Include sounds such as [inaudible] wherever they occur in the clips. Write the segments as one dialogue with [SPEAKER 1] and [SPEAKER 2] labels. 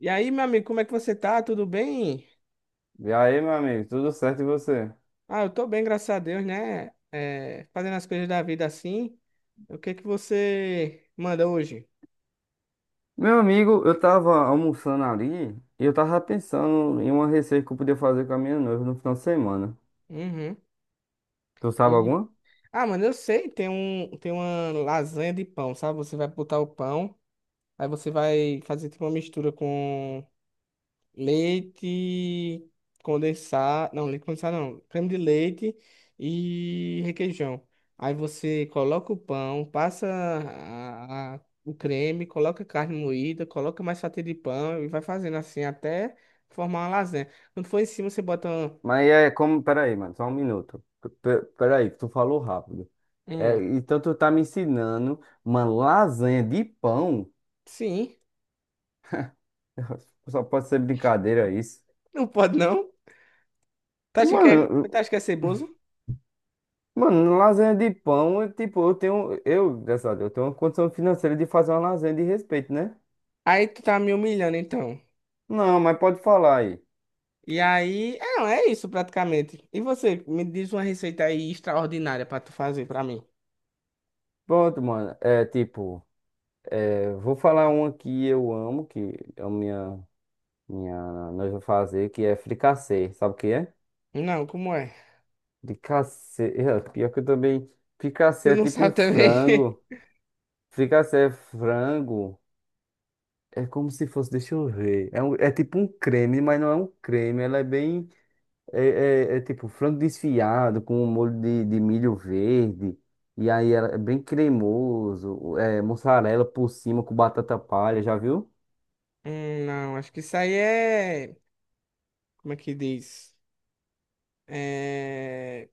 [SPEAKER 1] E aí, meu amigo, como é que você tá? Tudo bem?
[SPEAKER 2] E aí, meu amigo, tudo certo e você?
[SPEAKER 1] Ah, eu tô bem, graças a Deus, né? É, fazendo as coisas da vida assim. O que que você manda hoje?
[SPEAKER 2] Meu amigo, eu tava almoçando ali e eu tava pensando em uma receita que eu podia fazer com a minha noiva no final de semana.
[SPEAKER 1] Uhum.
[SPEAKER 2] Tu sabe
[SPEAKER 1] E,
[SPEAKER 2] alguma?
[SPEAKER 1] mano, eu sei, tem uma lasanha de pão, sabe? Você vai botar o pão, aí você vai fazer tipo uma mistura com leite leite condensado não, creme de leite e requeijão. Aí você coloca o pão, passa o creme, coloca carne moída, coloca mais fatia de pão e vai fazendo assim até formar uma lasanha. Quando for em cima, você bota.
[SPEAKER 2] Mas é como. Pera aí, mano, só um minuto. Pera aí, que tu falou rápido. É,
[SPEAKER 1] Hum,
[SPEAKER 2] então tu tá me ensinando uma lasanha de pão?
[SPEAKER 1] sim. [laughs]
[SPEAKER 2] [laughs] Só pode ser brincadeira isso.
[SPEAKER 1] Não pode não. Tu acha que
[SPEAKER 2] Mano,
[SPEAKER 1] é, tu
[SPEAKER 2] eu-
[SPEAKER 1] acha que é ceboso?
[SPEAKER 2] Mano, lasanha de pão, é tipo, eu tenho. Eu, dessa, eu tenho uma condição financeira de fazer uma lasanha de respeito, né?
[SPEAKER 1] Aí tu tá me humilhando então.
[SPEAKER 2] Não, mas pode falar aí.
[SPEAKER 1] E aí, é, é isso praticamente. E você, me diz uma receita aí extraordinária pra tu fazer pra mim.
[SPEAKER 2] Pronto, mano. É tipo, vou falar uma que eu amo, que é a minha, minha noiva fazer, que é fricassê. Sabe o que é?
[SPEAKER 1] Não, como é?
[SPEAKER 2] Fricassê. [laughs] É, pior que eu também. Fricassê
[SPEAKER 1] Tu
[SPEAKER 2] é
[SPEAKER 1] não
[SPEAKER 2] tipo um
[SPEAKER 1] sabe também?
[SPEAKER 2] frango.
[SPEAKER 1] [laughs]
[SPEAKER 2] Fricassê é frango. É como se fosse, deixa eu ver. É tipo um creme, mas não é um creme. Ela é bem. É, é tipo frango desfiado com um molho de milho verde. E aí ela é bem cremoso. É mussarela por cima com batata palha, já viu?
[SPEAKER 1] Não, acho que isso aí é. Como é que diz? É...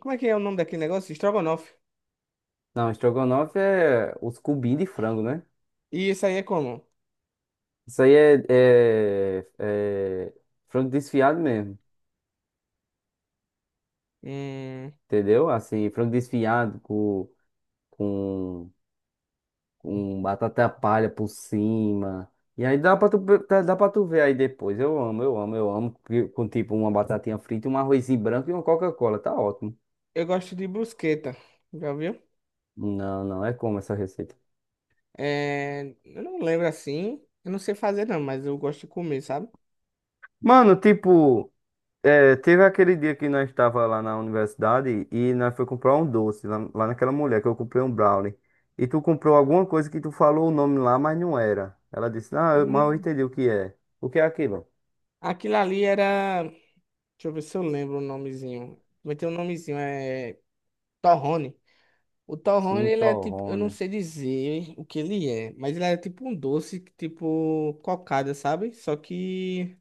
[SPEAKER 1] Como é que é o nome daquele negócio? Estrogonofe.
[SPEAKER 2] Não, estrogonofe é os cubinhos de frango, né?
[SPEAKER 1] E isso aí é como?
[SPEAKER 2] Isso aí é frango desfiado mesmo,
[SPEAKER 1] Hum,
[SPEAKER 2] entendeu? Assim, frango desfiado com, com batata palha por cima. E aí dá pra tu ver aí depois. Eu amo, eu amo, eu amo. Com tipo uma batatinha frita, um arrozinho branco e uma Coca-Cola. Tá ótimo.
[SPEAKER 1] eu gosto de brusqueta. Já viu?
[SPEAKER 2] Não, não é como essa receita.
[SPEAKER 1] É... Eu não lembro assim. Eu não sei fazer, não, mas eu gosto de comer, sabe?
[SPEAKER 2] Mano, tipo. É, teve aquele dia que nós estava lá na universidade e nós foi comprar um doce lá, naquela mulher que eu comprei um brownie. E tu comprou alguma coisa que tu falou o nome lá, mas não era. Ela disse, mas eu
[SPEAKER 1] E
[SPEAKER 2] entendi o que é. O que é aquilo?
[SPEAKER 1] Aquilo ali era. Deixa eu ver se eu lembro o nomezinho. Vai ter um nomezinho, é. Torrone. O
[SPEAKER 2] Sim
[SPEAKER 1] torrone, ele é tipo, eu não
[SPEAKER 2] Cintorrone.
[SPEAKER 1] sei dizer o que ele é, mas ele é tipo um doce, tipo cocada, sabe?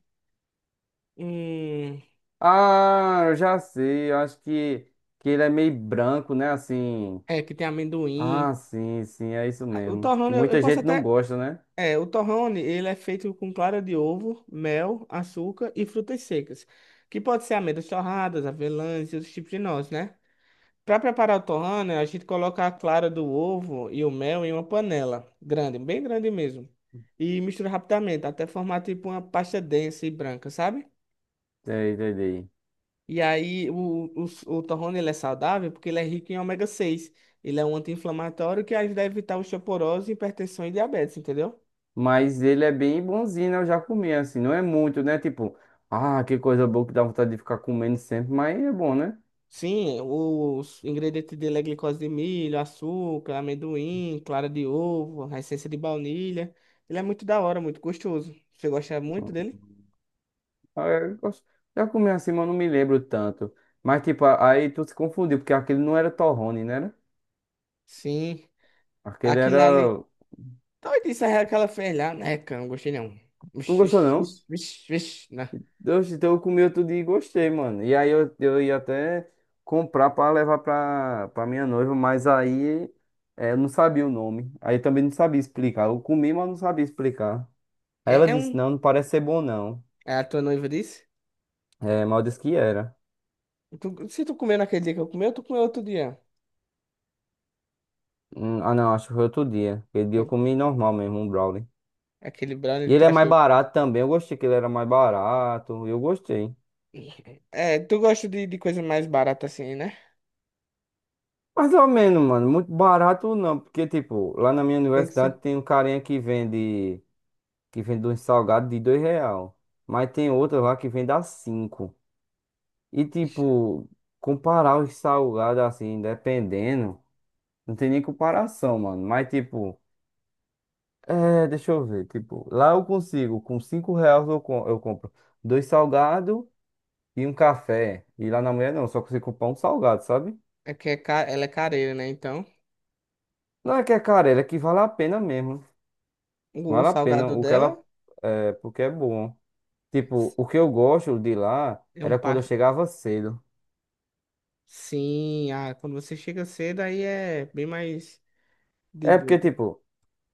[SPEAKER 1] hum,
[SPEAKER 2] Ah, eu já sei, eu acho que ele é meio branco, né? Assim.
[SPEAKER 1] é, que tem amendoim.
[SPEAKER 2] Ah, sim, sim, é isso
[SPEAKER 1] Ah, O
[SPEAKER 2] mesmo. Que
[SPEAKER 1] torrone, eu
[SPEAKER 2] muita
[SPEAKER 1] posso
[SPEAKER 2] gente não
[SPEAKER 1] até,
[SPEAKER 2] gosta, né?
[SPEAKER 1] é, o torrone, ele é feito com clara de ovo, mel, açúcar e frutas secas, que pode ser amêndoas torradas, avelãs e outros tipos de nozes, né? Para preparar o torrano, a gente coloca a clara do ovo e o mel em uma panela grande, bem grande mesmo. E mistura rapidamente, até formar tipo uma pasta densa e branca, sabe?
[SPEAKER 2] É, entendi.
[SPEAKER 1] E aí o torrano ele é saudável porque ele é rico em ômega seis. Ele é um anti-inflamatório que ajuda a evitar osteoporose, hipertensão e diabetes, entendeu?
[SPEAKER 2] Mas ele é bem bonzinho, né? Eu já comi, assim. Não é muito, né? Tipo, ah, que coisa boa que dá vontade de ficar comendo sempre, mas é bom, né?
[SPEAKER 1] Sim, os ingredientes dele é glicose de milho, açúcar, amendoim, clara de ovo, a essência de baunilha. Ele é muito da hora, muito gostoso. Você gosta muito dele?
[SPEAKER 2] Ah, é, eu gosto- Já comi assim, mas eu não me lembro tanto. Mas, tipo, aí tu se confundiu, porque aquele não era torrone, né? Era?
[SPEAKER 1] Sim,
[SPEAKER 2] Aquele
[SPEAKER 1] aquilo ali.
[SPEAKER 2] era.
[SPEAKER 1] Talvez isso é que ela fez lá, né, cara? Não gostei não.
[SPEAKER 2] Tu não
[SPEAKER 1] Vixe,
[SPEAKER 2] gostou, não?
[SPEAKER 1] vixe, vixe, vixe, né?
[SPEAKER 2] Deus, então eu comi outro dia e gostei, mano. E aí eu ia até comprar pra levar pra minha noiva, mas aí eu não sabia o nome. Aí também não sabia explicar. Eu comi, mas não sabia explicar. Aí ela
[SPEAKER 1] É, é
[SPEAKER 2] disse,
[SPEAKER 1] um.
[SPEAKER 2] não, não parece ser bom, não.
[SPEAKER 1] É a tua noiva disse?
[SPEAKER 2] É, mal disse que era.
[SPEAKER 1] Tu- se tu comeu naquele dia que eu comi, tu comeu outro dia.
[SPEAKER 2] Ah, não, acho que foi outro dia. Aquele dia eu comi normal mesmo, um brownie.
[SPEAKER 1] Aquele brownie,
[SPEAKER 2] E ele
[SPEAKER 1] tu
[SPEAKER 2] é mais
[SPEAKER 1] achou.
[SPEAKER 2] barato também. Eu gostei que ele era mais barato. Eu gostei.
[SPEAKER 1] [laughs] É, tu gosta de coisa mais barata assim, né?
[SPEAKER 2] Mais ou menos, mano. Muito barato não. Porque, tipo, lá na minha
[SPEAKER 1] Tem que ser.
[SPEAKER 2] universidade tem um carinha que vende. Que vende um salgado de R$ 2. Mas tem outro lá que vende a cinco. E, tipo, comparar os salgados assim, dependendo. Não tem nem comparação, mano. Mas, tipo. É, deixa eu ver. Tipo, lá eu consigo, com R$ 5 eu compro dois salgados e um café. E lá na mulher não, só consigo comprar um salgado, sabe?
[SPEAKER 1] É que é ca- ela é careira, né? Então,
[SPEAKER 2] Não é que é carela, é que vale a pena mesmo.
[SPEAKER 1] o, o
[SPEAKER 2] Vale a pena
[SPEAKER 1] salgado
[SPEAKER 2] o que
[SPEAKER 1] dela
[SPEAKER 2] ela. É, porque é bom. Tipo, o que eu gosto de lá
[SPEAKER 1] é um
[SPEAKER 2] era quando eu
[SPEAKER 1] par.
[SPEAKER 2] chegava cedo.
[SPEAKER 1] Sim, ah, quando você chega cedo, aí é bem mais de
[SPEAKER 2] É porque,
[SPEAKER 1] boa.
[SPEAKER 2] tipo.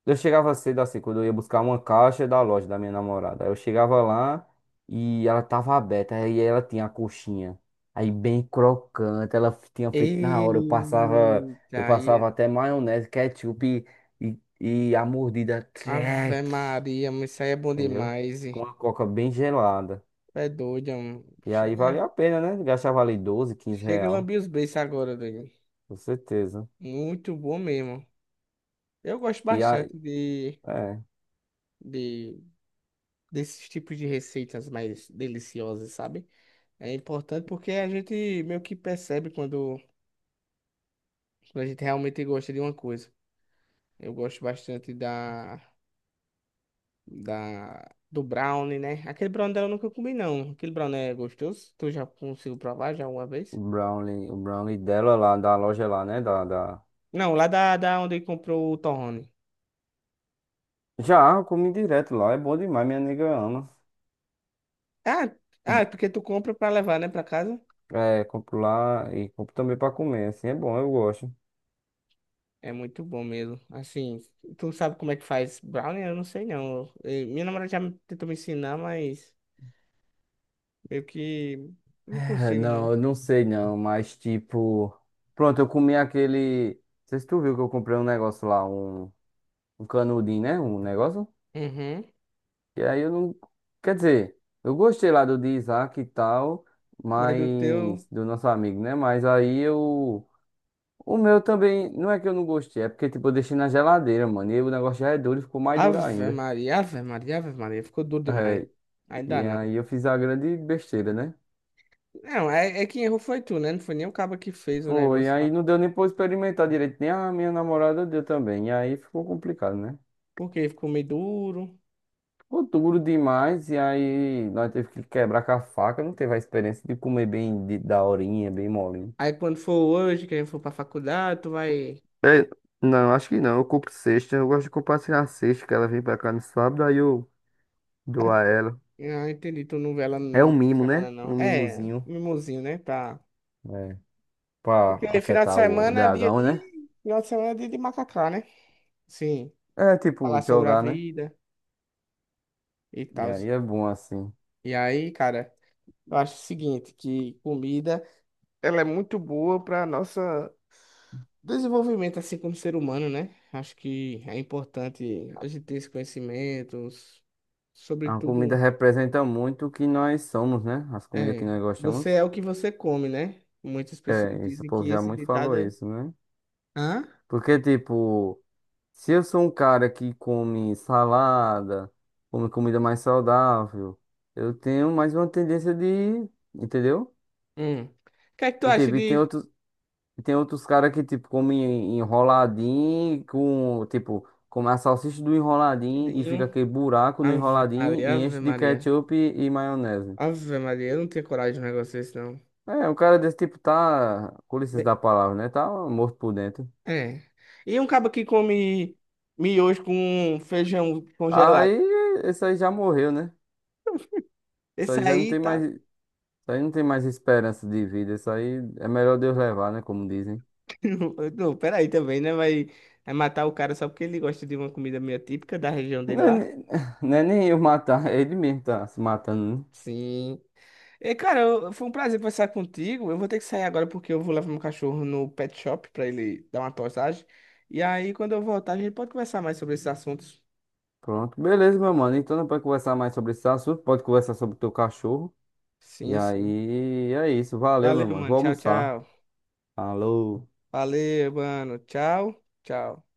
[SPEAKER 2] Eu chegava cedo assim, quando eu ia buscar uma caixa da loja da minha namorada. Aí eu chegava lá e ela tava aberta, aí ela tinha a coxinha. Aí bem crocante, ela tinha feito na hora. Eu passava,
[SPEAKER 1] Eita,
[SPEAKER 2] eu
[SPEAKER 1] aí. É.
[SPEAKER 2] passava até maionese, ketchup e a mordida
[SPEAKER 1] Ave
[SPEAKER 2] trec,
[SPEAKER 1] Maria, mano, isso aí é bom
[SPEAKER 2] entendeu?
[SPEAKER 1] demais,
[SPEAKER 2] Com
[SPEAKER 1] hein?
[SPEAKER 2] uma coca bem gelada.
[SPEAKER 1] É doido, mano.
[SPEAKER 2] E aí
[SPEAKER 1] Chega,
[SPEAKER 2] valia a pena, né? Gastava ali 12 15
[SPEAKER 1] chega a
[SPEAKER 2] real,
[SPEAKER 1] lamber os beiços agora, doido.
[SPEAKER 2] com certeza.
[SPEAKER 1] Muito bom mesmo. Eu gosto
[SPEAKER 2] E aí,
[SPEAKER 1] bastante
[SPEAKER 2] é,
[SPEAKER 1] de desses tipos de receitas mais deliciosas, sabe? É importante porque a gente meio que percebe quando, quando a gente realmente gosta de uma coisa. Eu gosto bastante do brownie, né? Aquele brownie dela eu nunca comi, não. Aquele brownie é gostoso. Tu já conseguiu provar já uma
[SPEAKER 2] o
[SPEAKER 1] vez?
[SPEAKER 2] brownie, o brownie dela lá, da loja lá, né?
[SPEAKER 1] Não, lá da onde comprou o torrone.
[SPEAKER 2] Já, eu comi direto lá, é bom demais, minha nega ama.
[SPEAKER 1] Ah, ah, é porque tu compra pra levar, né, pra casa?
[SPEAKER 2] É, compro lá e compro também pra comer, assim, é bom, eu gosto.
[SPEAKER 1] É muito bom mesmo. Assim, tu sabe como é que faz brownie? Eu não sei não. Minha namorada já tentou me ensinar, mas meio que não
[SPEAKER 2] É,
[SPEAKER 1] consigo não.
[SPEAKER 2] não, eu não sei não, mas tipo. Pronto, eu comi aquele. Não sei se tu viu que eu comprei um negócio lá, um canudinho, né? Um negócio.
[SPEAKER 1] Uhum.
[SPEAKER 2] E aí eu não. Quer dizer, eu gostei lá do de Isaac e tal,
[SPEAKER 1] Mas do teu.
[SPEAKER 2] mas. Do nosso amigo, né? Mas aí eu. O meu também, não é que eu não gostei, é porque tipo, eu deixei na geladeira, mano. E aí o negócio já é duro e ficou mais duro
[SPEAKER 1] Ave
[SPEAKER 2] ainda.
[SPEAKER 1] Maria, Ave Maria, Ave Maria. Ficou duro demais.
[SPEAKER 2] É,
[SPEAKER 1] Ainda
[SPEAKER 2] e
[SPEAKER 1] não.
[SPEAKER 2] aí eu fiz a grande besteira, né?
[SPEAKER 1] Não, é, é quem errou foi tu, né? Não foi nem o cabo que fez o
[SPEAKER 2] Foi, e
[SPEAKER 1] negócio lá.
[SPEAKER 2] aí não deu nem pra eu experimentar direito, nem a minha namorada deu também. E aí ficou complicado, né?
[SPEAKER 1] Porque ficou meio duro.
[SPEAKER 2] Ficou duro demais, e aí nós teve que quebrar com a faca, não teve a experiência de comer bem daorinha, bem molinho.
[SPEAKER 1] Aí quando for hoje, que a gente for pra faculdade, tu vai.
[SPEAKER 2] É, não, acho que não. Eu compro cesta. Eu gosto de compartilhar a cesta que ela vem pra cá no sábado, aí eu dou a ela.
[SPEAKER 1] Ah, entendi. Tu não vê ela no
[SPEAKER 2] É um
[SPEAKER 1] meio de
[SPEAKER 2] mimo,
[SPEAKER 1] semana,
[SPEAKER 2] né?
[SPEAKER 1] não.
[SPEAKER 2] Um
[SPEAKER 1] É,
[SPEAKER 2] mimozinho.
[SPEAKER 1] mimosinho, né? Tá.
[SPEAKER 2] É, pra
[SPEAKER 1] Porque final de
[SPEAKER 2] aquietar o
[SPEAKER 1] semana é dia
[SPEAKER 2] dragão, né?
[SPEAKER 1] de. Final de semana é dia de macacá, né? Sim.
[SPEAKER 2] É tipo
[SPEAKER 1] Falar sobre a
[SPEAKER 2] jogar, né?
[SPEAKER 1] vida e
[SPEAKER 2] E
[SPEAKER 1] tal.
[SPEAKER 2] aí é bom assim.
[SPEAKER 1] E aí, cara, eu acho o seguinte, que comida, ela é muito boa para nossa desenvolvimento, assim, como ser humano, né? Acho que é importante a gente ter esse conhecimento,
[SPEAKER 2] A comida
[SPEAKER 1] sobretudo,
[SPEAKER 2] representa muito o que nós somos, né? As comidas que
[SPEAKER 1] é,
[SPEAKER 2] nós
[SPEAKER 1] você
[SPEAKER 2] gostamos.
[SPEAKER 1] é o que você come, né? Muitas pessoas
[SPEAKER 2] É, isso o
[SPEAKER 1] dizem
[SPEAKER 2] povo
[SPEAKER 1] que
[SPEAKER 2] já
[SPEAKER 1] esse
[SPEAKER 2] muito
[SPEAKER 1] ditado
[SPEAKER 2] falou
[SPEAKER 1] é...
[SPEAKER 2] isso, né?
[SPEAKER 1] Hã?
[SPEAKER 2] Porque, tipo, se eu sou um cara que come salada, come comida mais saudável, eu tenho mais uma tendência de, entendeu?
[SPEAKER 1] Hum. O que é que tu
[SPEAKER 2] E,
[SPEAKER 1] acha
[SPEAKER 2] tipo,
[SPEAKER 1] de
[SPEAKER 2] e tem outros caras que, tipo, comem enroladinho com, tipo, come a salsicha do enroladinho e fica
[SPEAKER 1] Dinho?
[SPEAKER 2] aquele buraco no
[SPEAKER 1] Ave
[SPEAKER 2] enroladinho
[SPEAKER 1] Maria,
[SPEAKER 2] e
[SPEAKER 1] Ave
[SPEAKER 2] enche de
[SPEAKER 1] Maria.
[SPEAKER 2] ketchup e maionese.
[SPEAKER 1] Ave Maria, eu não tenho coragem de um negócio desse, não.
[SPEAKER 2] É, um cara desse tipo tá, com licença
[SPEAKER 1] Be-
[SPEAKER 2] da palavra, né? Tá morto por dentro.
[SPEAKER 1] É. E um cabo que come miojo com feijão congelado.
[SPEAKER 2] Aí, esse aí já morreu, né? Isso
[SPEAKER 1] Esse
[SPEAKER 2] aí já não
[SPEAKER 1] aí
[SPEAKER 2] tem mais,
[SPEAKER 1] tá.
[SPEAKER 2] isso aí não tem mais esperança de vida. Isso aí é melhor Deus levar, né? Como dizem.
[SPEAKER 1] [laughs] Não, peraí também, né? Vai, vai matar o cara só porque ele gosta de uma comida meio típica da região dele
[SPEAKER 2] Não é,
[SPEAKER 1] lá.
[SPEAKER 2] [laughs] não é nem eu matar, é ele mesmo tá se matando, né?
[SPEAKER 1] Sim. Foi um prazer conversar contigo. Eu vou ter que sair agora porque eu vou levar meu cachorro no pet shop pra ele dar uma postagem. E aí, quando eu voltar, a gente pode conversar mais sobre esses assuntos.
[SPEAKER 2] Pronto, beleza, meu mano. Então, depois conversar mais sobre esse assunto, pode conversar sobre o teu cachorro. E
[SPEAKER 1] Sim, sim.
[SPEAKER 2] aí, é isso. Valeu, meu
[SPEAKER 1] Valeu,
[SPEAKER 2] mano.
[SPEAKER 1] mano.
[SPEAKER 2] Vou
[SPEAKER 1] Tchau,
[SPEAKER 2] almoçar.
[SPEAKER 1] tchau.
[SPEAKER 2] Falou.
[SPEAKER 1] Valeu, mano. Tchau, tchau.